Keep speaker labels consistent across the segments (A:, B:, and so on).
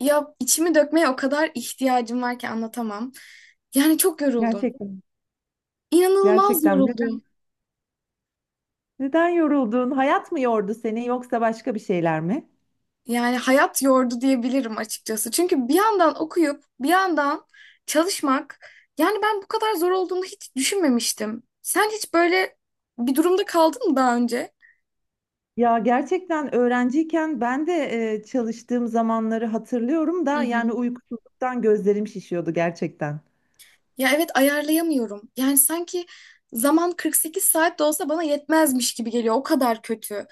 A: Ya içimi dökmeye o kadar ihtiyacım var ki anlatamam. Yani çok yoruldum.
B: Gerçekten.
A: İnanılmaz
B: Gerçekten. Neden?
A: yoruldum.
B: Neden yoruldun? Hayat mı yordu seni yoksa başka bir şeyler mi?
A: Yani hayat yordu diyebilirim açıkçası. Çünkü bir yandan okuyup bir yandan çalışmak yani ben bu kadar zor olduğunu hiç düşünmemiştim. Sen hiç böyle bir durumda kaldın mı daha önce?
B: Ya gerçekten öğrenciyken ben de çalıştığım zamanları hatırlıyorum
A: Hı
B: da
A: hı.
B: yani uykusuzluktan gözlerim şişiyordu gerçekten.
A: Ya evet, ayarlayamıyorum. Yani sanki zaman 48 saat de olsa bana yetmezmiş gibi geliyor. O kadar kötü.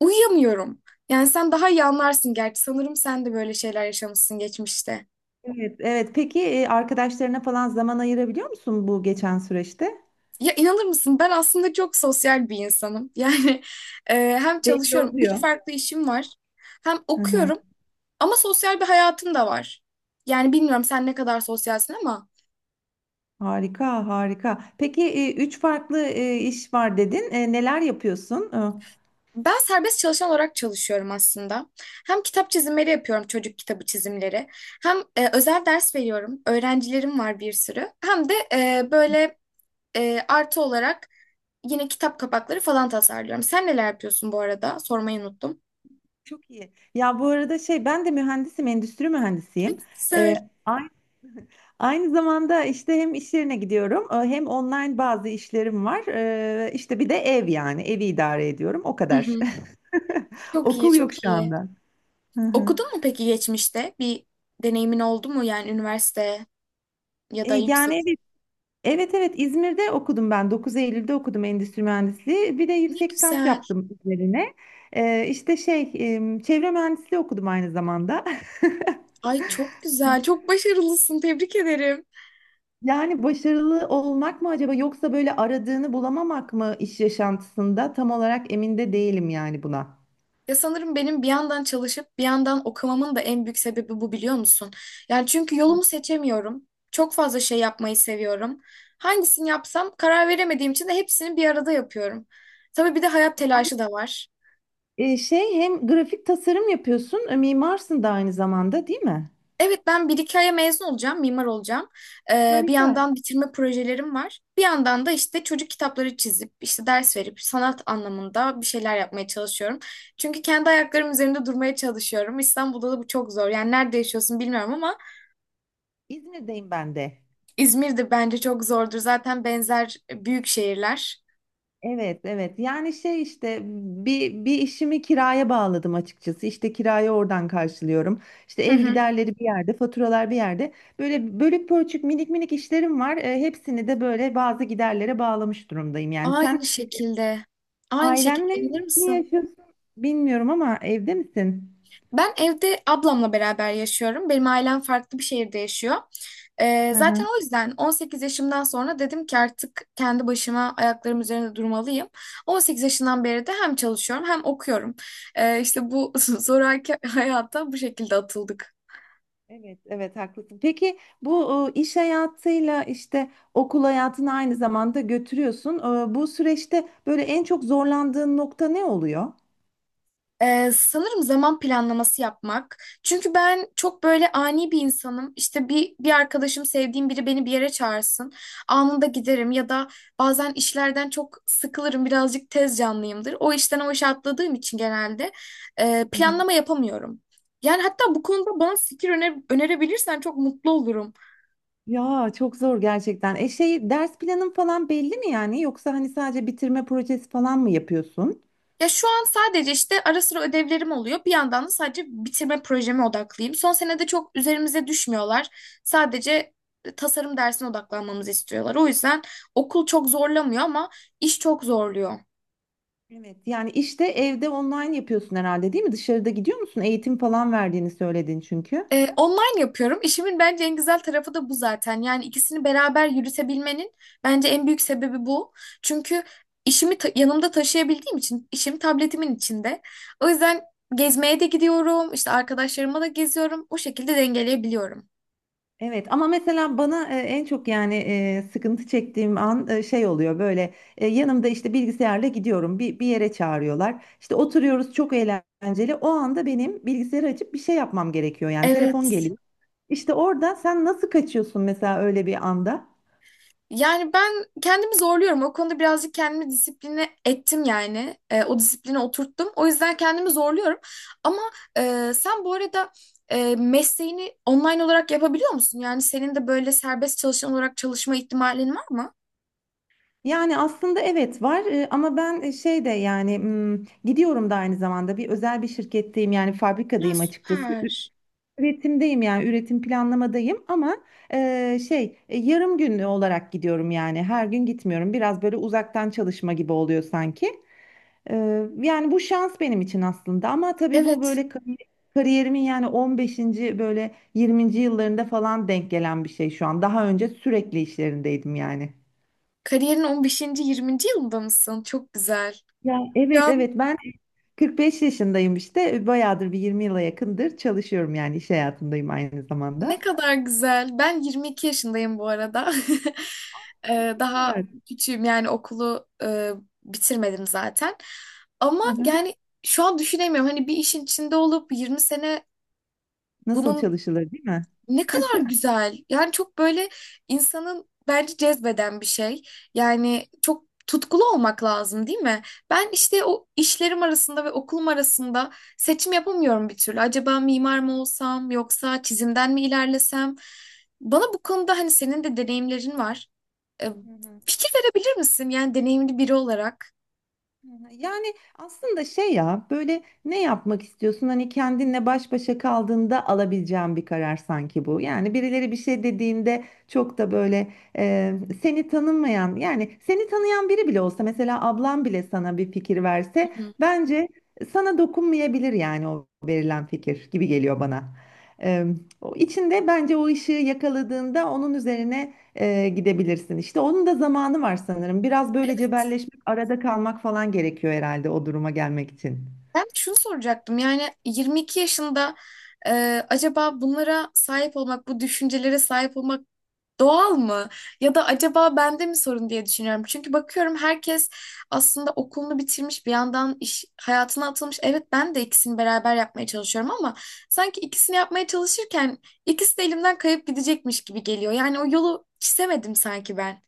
A: Uyuyamıyorum. Yani sen daha iyi anlarsın gerçi. Sanırım sen de böyle şeyler yaşamışsın geçmişte.
B: Evet, evet. Peki arkadaşlarına falan zaman ayırabiliyor musun bu geçen süreçte?
A: Ya inanır mısın? Ben aslında çok sosyal bir insanım. E, Hem
B: Belli
A: çalışıyorum, üç
B: oluyor.
A: farklı işim var. Hem
B: Hı hı.
A: okuyorum ama sosyal bir hayatım da var. Yani bilmiyorum sen ne kadar sosyalsin ama
B: Harika, harika. Peki üç farklı iş var dedin. Neler yapıyorsun?
A: ben serbest çalışan olarak çalışıyorum aslında. Hem kitap çizimleri yapıyorum, çocuk kitabı çizimleri. Hem özel ders veriyorum. Öğrencilerim var bir sürü. Hem de böyle artı olarak yine kitap kapakları falan tasarlıyorum. Sen neler yapıyorsun bu arada? Sormayı unuttum.
B: Çok iyi. Ya bu arada şey ben de mühendisim, endüstri mühendisiyim. E,
A: Güzel.
B: ay- Aynı zamanda işte hem iş yerine gidiyorum, hem online bazı işlerim var. İşte bir de ev yani evi idare ediyorum. O
A: Hı
B: kadar.
A: hı. Çok iyi,
B: Okul yok
A: çok
B: şu
A: iyi.
B: anda. Hı hı.
A: Okudun mu peki geçmişte? Bir deneyimin oldu mu yani üniversite ya da yüksek?
B: Yani, evet, evet, İzmir'de okudum ben. 9 Eylül'de okudum endüstri mühendisliği. Bir de
A: Ne
B: yüksek lisans
A: güzel.
B: yaptım üzerine. İşte şey çevre mühendisliği okudum aynı zamanda.
A: Ay, çok güzel. Çok başarılısın. Tebrik ederim.
B: Yani başarılı olmak mı acaba yoksa böyle aradığını bulamamak mı iş yaşantısında tam olarak emin de değilim yani buna.
A: Ya sanırım benim bir yandan çalışıp bir yandan okumamın da en büyük sebebi bu, biliyor musun? Yani çünkü yolumu seçemiyorum. Çok fazla şey yapmayı seviyorum. Hangisini yapsam karar veremediğim için de hepsini bir arada yapıyorum. Tabii bir de hayat telaşı da var.
B: Şey hem grafik tasarım yapıyorsun, mimarsın da aynı zamanda değil mi?
A: Evet, ben bir iki aya mezun olacağım, mimar olacağım. Bir
B: Harika.
A: yandan bitirme projelerim var. Bir yandan da işte çocuk kitapları çizip, işte ders verip sanat anlamında bir şeyler yapmaya çalışıyorum. Çünkü kendi ayaklarım üzerinde durmaya çalışıyorum. İstanbul'da da bu çok zor. Yani nerede yaşıyorsun bilmiyorum ama
B: İzmir'deyim ben de.
A: İzmir'de bence çok zordur. Zaten benzer büyük şehirler.
B: Evet, evet. Yani, şey işte bir işimi kiraya bağladım açıkçası. İşte kirayı oradan karşılıyorum. İşte
A: Hı
B: ev
A: hı.
B: giderleri bir yerde, faturalar bir yerde. Böyle bölük pörçük minik minik işlerim var. Hepsini de böyle bazı giderlere bağlamış durumdayım. Yani sen
A: Aynı şekilde. Aynı
B: ailenle
A: şekilde, inanır
B: mi
A: mısın?
B: yaşıyorsun bilmiyorum ama evde misin?
A: Ben evde ablamla beraber yaşıyorum. Benim ailem farklı bir şehirde yaşıyor. Zaten o yüzden 18 yaşımdan sonra dedim ki artık kendi başıma ayaklarım üzerinde durmalıyım. 18 yaşından beri de hem çalışıyorum hem okuyorum. İşte bu zoraki hayata bu şekilde atıldık.
B: Evet, evet haklısın. Peki bu iş hayatıyla işte okul hayatını aynı zamanda götürüyorsun. Bu süreçte böyle en çok zorlandığın nokta ne oluyor?
A: Sanırım zaman planlaması yapmak. Çünkü ben çok böyle ani bir insanım. İşte bir arkadaşım, sevdiğim biri beni bir yere çağırsın. Anında giderim ya da bazen işlerden çok sıkılırım. Birazcık tez canlıyımdır. O işten o işe atladığım için genelde
B: Hı.
A: planlama yapamıyorum. Yani hatta bu konuda bana fikir önerebilirsen çok mutlu olurum.
B: Ya çok zor gerçekten. E şey ders planın falan belli mi yani? Yoksa hani sadece bitirme projesi falan mı yapıyorsun?
A: Ya şu an sadece işte ara sıra ödevlerim oluyor. Bir yandan da sadece bitirme projeme odaklıyım. Son senede çok üzerimize düşmüyorlar. Sadece tasarım dersine odaklanmamızı istiyorlar. O yüzden okul çok zorlamıyor ama iş çok zorluyor.
B: Evet, yani işte evde online yapıyorsun herhalde değil mi? Dışarıda gidiyor musun? Eğitim falan verdiğini söyledin çünkü.
A: Online yapıyorum. İşimin bence en güzel tarafı da bu zaten. Yani ikisini beraber yürütebilmenin bence en büyük sebebi bu. Çünkü işimi yanımda taşıyabildiğim için işim tabletimin içinde. O yüzden gezmeye de gidiyorum, işte arkadaşlarıma da geziyorum. O şekilde dengeleyebiliyorum.
B: Evet, ama mesela bana en çok yani sıkıntı çektiğim an şey oluyor böyle yanımda işte bilgisayarla gidiyorum bir yere çağırıyorlar işte oturuyoruz çok eğlenceli o anda benim bilgisayarı açıp bir şey yapmam gerekiyor yani telefon
A: Evet.
B: geliyor. İşte orada sen nasıl kaçıyorsun mesela öyle bir anda?
A: Yani ben kendimi zorluyorum. O konuda birazcık kendimi disipline ettim yani. O disipline oturttum. O yüzden kendimi zorluyorum. Ama sen bu arada mesleğini online olarak yapabiliyor musun? Yani senin de böyle serbest çalışan olarak çalışma ihtimalin var mı?
B: Yani aslında evet var ama ben şey de yani gidiyorum da aynı zamanda bir özel bir şirketteyim yani
A: Ya
B: fabrikadayım açıkçası.
A: süper.
B: Üretimdeyim yani üretim planlamadayım ama şey yarım günlü olarak gidiyorum yani her gün gitmiyorum biraz böyle uzaktan çalışma gibi oluyor sanki. Yani bu şans benim için aslında ama tabii bu
A: Evet.
B: böyle kariyerimin yani 15. böyle 20. yıllarında falan denk gelen bir şey şu an daha önce sürekli işlerindeydim yani.
A: Kariyerin 15. yirminci yılında mısın? Çok güzel.
B: Ya, evet,
A: Ya
B: evet, ben 45 yaşındayım işte bayağıdır bir 20 yıla yakındır çalışıyorum yani iş hayatındayım aynı zamanda.
A: ne kadar güzel. Ben 22 yaşındayım bu arada. Daha
B: Evet.
A: küçüğüm, yani okulu bitirmedim zaten. Ama
B: Hı hı.
A: yani şu an düşünemiyorum. Hani bir işin içinde olup 20 sene
B: Nasıl
A: bunun
B: çalışılır değil mi?
A: ne kadar güzel. Yani çok böyle insanın bence cezbeden bir şey. Yani çok tutkulu olmak lazım, değil mi? Ben işte o işlerim arasında ve okulum arasında seçim yapamıyorum bir türlü. Acaba mimar mı olsam yoksa çizimden mi ilerlesem? Bana bu konuda hani senin de deneyimlerin var. E,
B: Hı hı.
A: Fikir verebilir misin? Yani deneyimli biri olarak.
B: Hı hı. Yani aslında şey ya böyle ne yapmak istiyorsun? Hani kendinle baş başa kaldığında alabileceğin bir karar sanki bu. Yani birileri bir şey dediğinde çok da böyle seni tanımayan yani seni tanıyan biri bile olsa mesela ablan bile sana bir fikir
A: Hı
B: verse
A: hı.
B: bence sana dokunmayabilir yani o verilen fikir gibi geliyor bana. E, o içinde bence o ışığı yakaladığında onun üzerine gidebilirsin işte. Onun da zamanı var sanırım. Biraz böyle cebelleşmek, arada kalmak falan gerekiyor herhalde o duruma gelmek için.
A: Ben de şunu soracaktım. Yani 22 yaşında acaba bunlara sahip olmak, bu düşüncelere sahip olmak doğal mı? Ya da acaba bende mi sorun diye düşünüyorum. Çünkü bakıyorum, herkes aslında okulunu bitirmiş, bir yandan iş hayatına atılmış. Evet, ben de ikisini beraber yapmaya çalışıyorum ama sanki ikisini yapmaya çalışırken ikisi de elimden kayıp gidecekmiş gibi geliyor. Yani o yolu çizemedim sanki ben.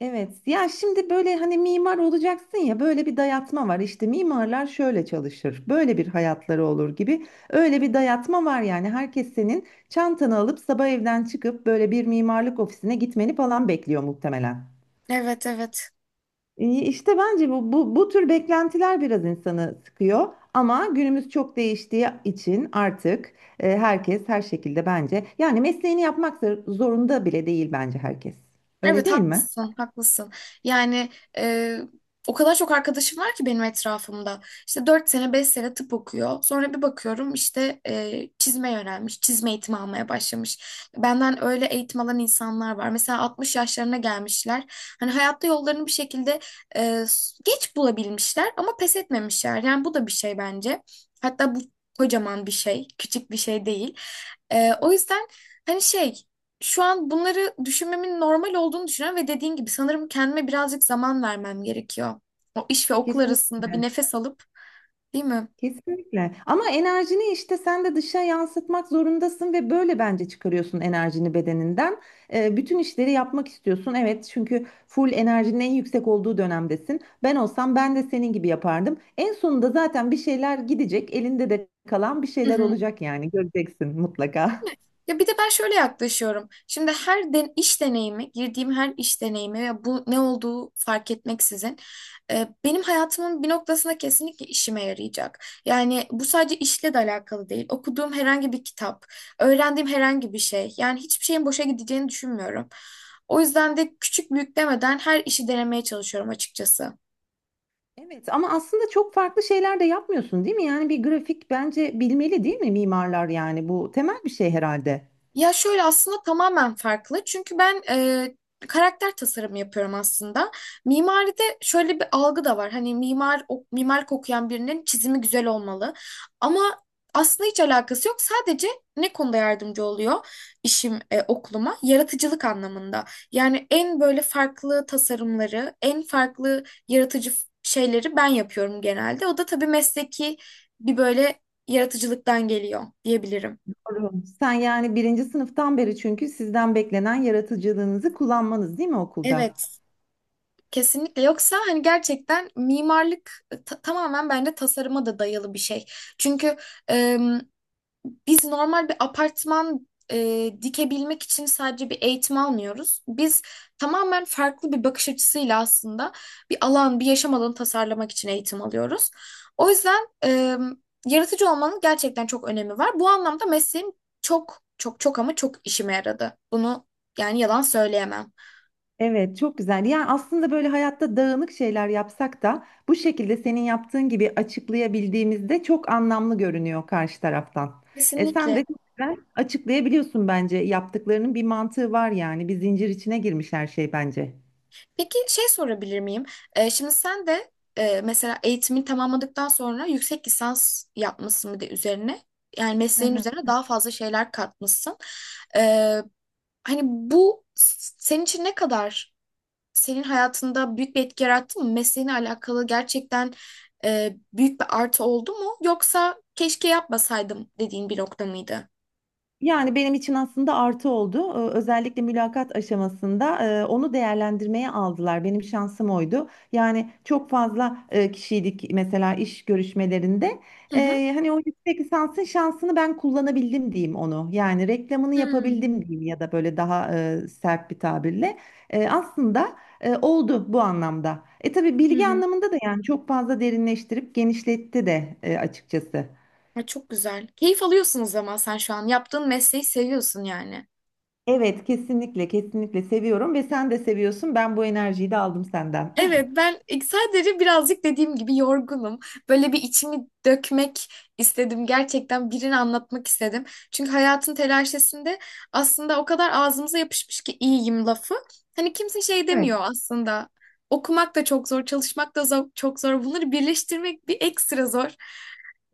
B: Evet. Ya şimdi böyle hani mimar olacaksın ya böyle bir dayatma var. İşte mimarlar şöyle çalışır. Böyle bir hayatları olur gibi. Öyle bir dayatma var yani. Herkes senin çantanı alıp sabah evden çıkıp böyle bir mimarlık ofisine gitmeni falan bekliyor muhtemelen.
A: Evet, evet.
B: İyi, İşte bence bu tür beklentiler biraz insanı sıkıyor. Ama günümüz çok değiştiği için artık herkes her şekilde bence yani mesleğini yapmak zorunda bile değil bence herkes. Öyle
A: Evet,
B: değil mi?
A: haklısın, haklısın. Yani e, o kadar çok arkadaşım var ki benim etrafımda. İşte 4 sene 5 sene tıp okuyor. Sonra bir bakıyorum, işte çizme yönelmiş, çizme eğitimi almaya başlamış. Benden öyle eğitim alan insanlar var. Mesela 60 yaşlarına gelmişler. Hani hayatta yollarını bir şekilde e, geç bulabilmişler ama pes etmemişler. Yani bu da bir şey bence. Hatta bu kocaman bir şey, küçük bir şey değil. O yüzden hani şey şu an bunları düşünmemin normal olduğunu düşünüyorum ve dediğin gibi sanırım kendime birazcık zaman vermem gerekiyor. O iş ve okul arasında bir
B: Kesinlikle.
A: nefes alıp, değil mi?
B: Kesinlikle. Ama enerjini işte sen de dışa yansıtmak zorundasın ve böyle bence çıkarıyorsun enerjini bedeninden. Bütün işleri yapmak istiyorsun. Evet, çünkü full enerjinin en yüksek olduğu dönemdesin. Ben olsam ben de senin gibi yapardım. En sonunda zaten bir şeyler gidecek, elinde de kalan bir
A: Hı
B: şeyler
A: hı.
B: olacak yani göreceksin mutlaka.
A: Ya bir de ben şöyle yaklaşıyorum. Şimdi her den iş deneyimi, girdiğim her iş deneyimi ve bu ne olduğu fark etmeksizin benim hayatımın bir noktasında kesinlikle işime yarayacak. Yani bu sadece işle de alakalı değil. Okuduğum herhangi bir kitap, öğrendiğim herhangi bir şey. Yani hiçbir şeyin boşa gideceğini düşünmüyorum. O yüzden de küçük büyük demeden her işi denemeye çalışıyorum açıkçası.
B: Evet, ama aslında çok farklı şeyler de yapmıyorsun, değil mi? Yani bir grafik bence bilmeli, değil mi mimarlar yani bu temel bir şey herhalde.
A: Ya şöyle, aslında tamamen farklı. Çünkü ben karakter tasarımı yapıyorum aslında. Mimaride şöyle bir algı da var. Hani mimar o, mimarlık okuyan birinin çizimi güzel olmalı. Ama aslında hiç alakası yok. Sadece ne konuda yardımcı oluyor işim okuluma? Yaratıcılık anlamında. Yani en böyle farklı tasarımları, en farklı yaratıcı şeyleri ben yapıyorum genelde. O da tabii mesleki bir böyle yaratıcılıktan geliyor diyebilirim.
B: Doğru. Sen yani birinci sınıftan beri çünkü sizden beklenen yaratıcılığınızı kullanmanız değil mi okulda?
A: Evet. Kesinlikle, yoksa hani gerçekten mimarlık tamamen bence tasarıma da dayalı bir şey. Çünkü e, biz normal bir apartman dikebilmek için sadece bir eğitim almıyoruz. Biz tamamen farklı bir bakış açısıyla aslında bir alan, bir yaşam alanı tasarlamak için eğitim alıyoruz. O yüzden yaratıcı olmanın gerçekten çok önemi var. Bu anlamda mesleğim çok çok çok ama çok işime yaradı. Bunu yani yalan söyleyemem.
B: Evet, çok güzel. Yani aslında böyle hayatta dağınık şeyler yapsak da bu şekilde senin yaptığın gibi açıklayabildiğimizde çok anlamlı görünüyor karşı taraftan. Sen
A: Kesinlikle.
B: de çok güzel açıklayabiliyorsun bence. Yaptıklarının bir mantığı var yani. Bir zincir içine girmiş her şey bence.
A: Peki şey sorabilir miyim? Şimdi sen de mesela eğitimini tamamladıktan sonra yüksek lisans yapmışsın bir de üzerine. Yani mesleğin üzerine daha fazla şeyler katmışsın. Ee, Hani bu senin için ne kadar senin hayatında büyük bir etki yarattı mı? Mesleğine alakalı gerçekten büyük bir artı oldu mu? Yoksa keşke yapmasaydım dediğin bir nokta mıydı?
B: Yani benim için aslında artı oldu. Özellikle mülakat aşamasında onu değerlendirmeye aldılar. Benim şansım oydu. Yani çok fazla kişiydik mesela iş görüşmelerinde.
A: Hı hı.
B: Hani o yüksek lisansın şansını ben kullanabildim diyeyim onu. Yani reklamını
A: Hmm.
B: yapabildim diyeyim ya da böyle daha sert bir tabirle. Aslında oldu bu anlamda. Tabii
A: Hı
B: bilgi
A: hı.
B: anlamında da yani çok fazla derinleştirip genişletti de açıkçası.
A: Ay, çok güzel. Keyif alıyorsun o zaman sen şu an. Yaptığın mesleği seviyorsun yani.
B: Evet, kesinlikle, kesinlikle seviyorum ve sen de seviyorsun. Ben bu enerjiyi de aldım senden.
A: Evet, ben sadece birazcık dediğim gibi yorgunum. Böyle bir içimi dökmek istedim. Gerçekten birini anlatmak istedim. Çünkü hayatın telaşesinde aslında o kadar ağzımıza yapışmış ki iyiyim lafı. Hani kimse şey
B: Evet.
A: demiyor aslında. Okumak da çok zor, çalışmak da çok zor. Bunları birleştirmek bir ekstra zor.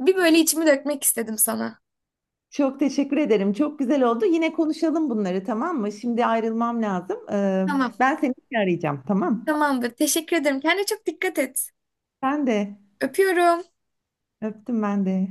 A: Bir böyle
B: Evet.
A: içimi dökmek istedim sana.
B: Çok teşekkür ederim. Çok güzel oldu. Yine konuşalım bunları, tamam mı? Şimdi ayrılmam lazım. Ee,
A: Tamam,
B: ben seni arayacağım, tamam?
A: tamamdır. Teşekkür ederim. Kendine çok dikkat et.
B: Ben de
A: Öpüyorum.
B: öptüm ben de.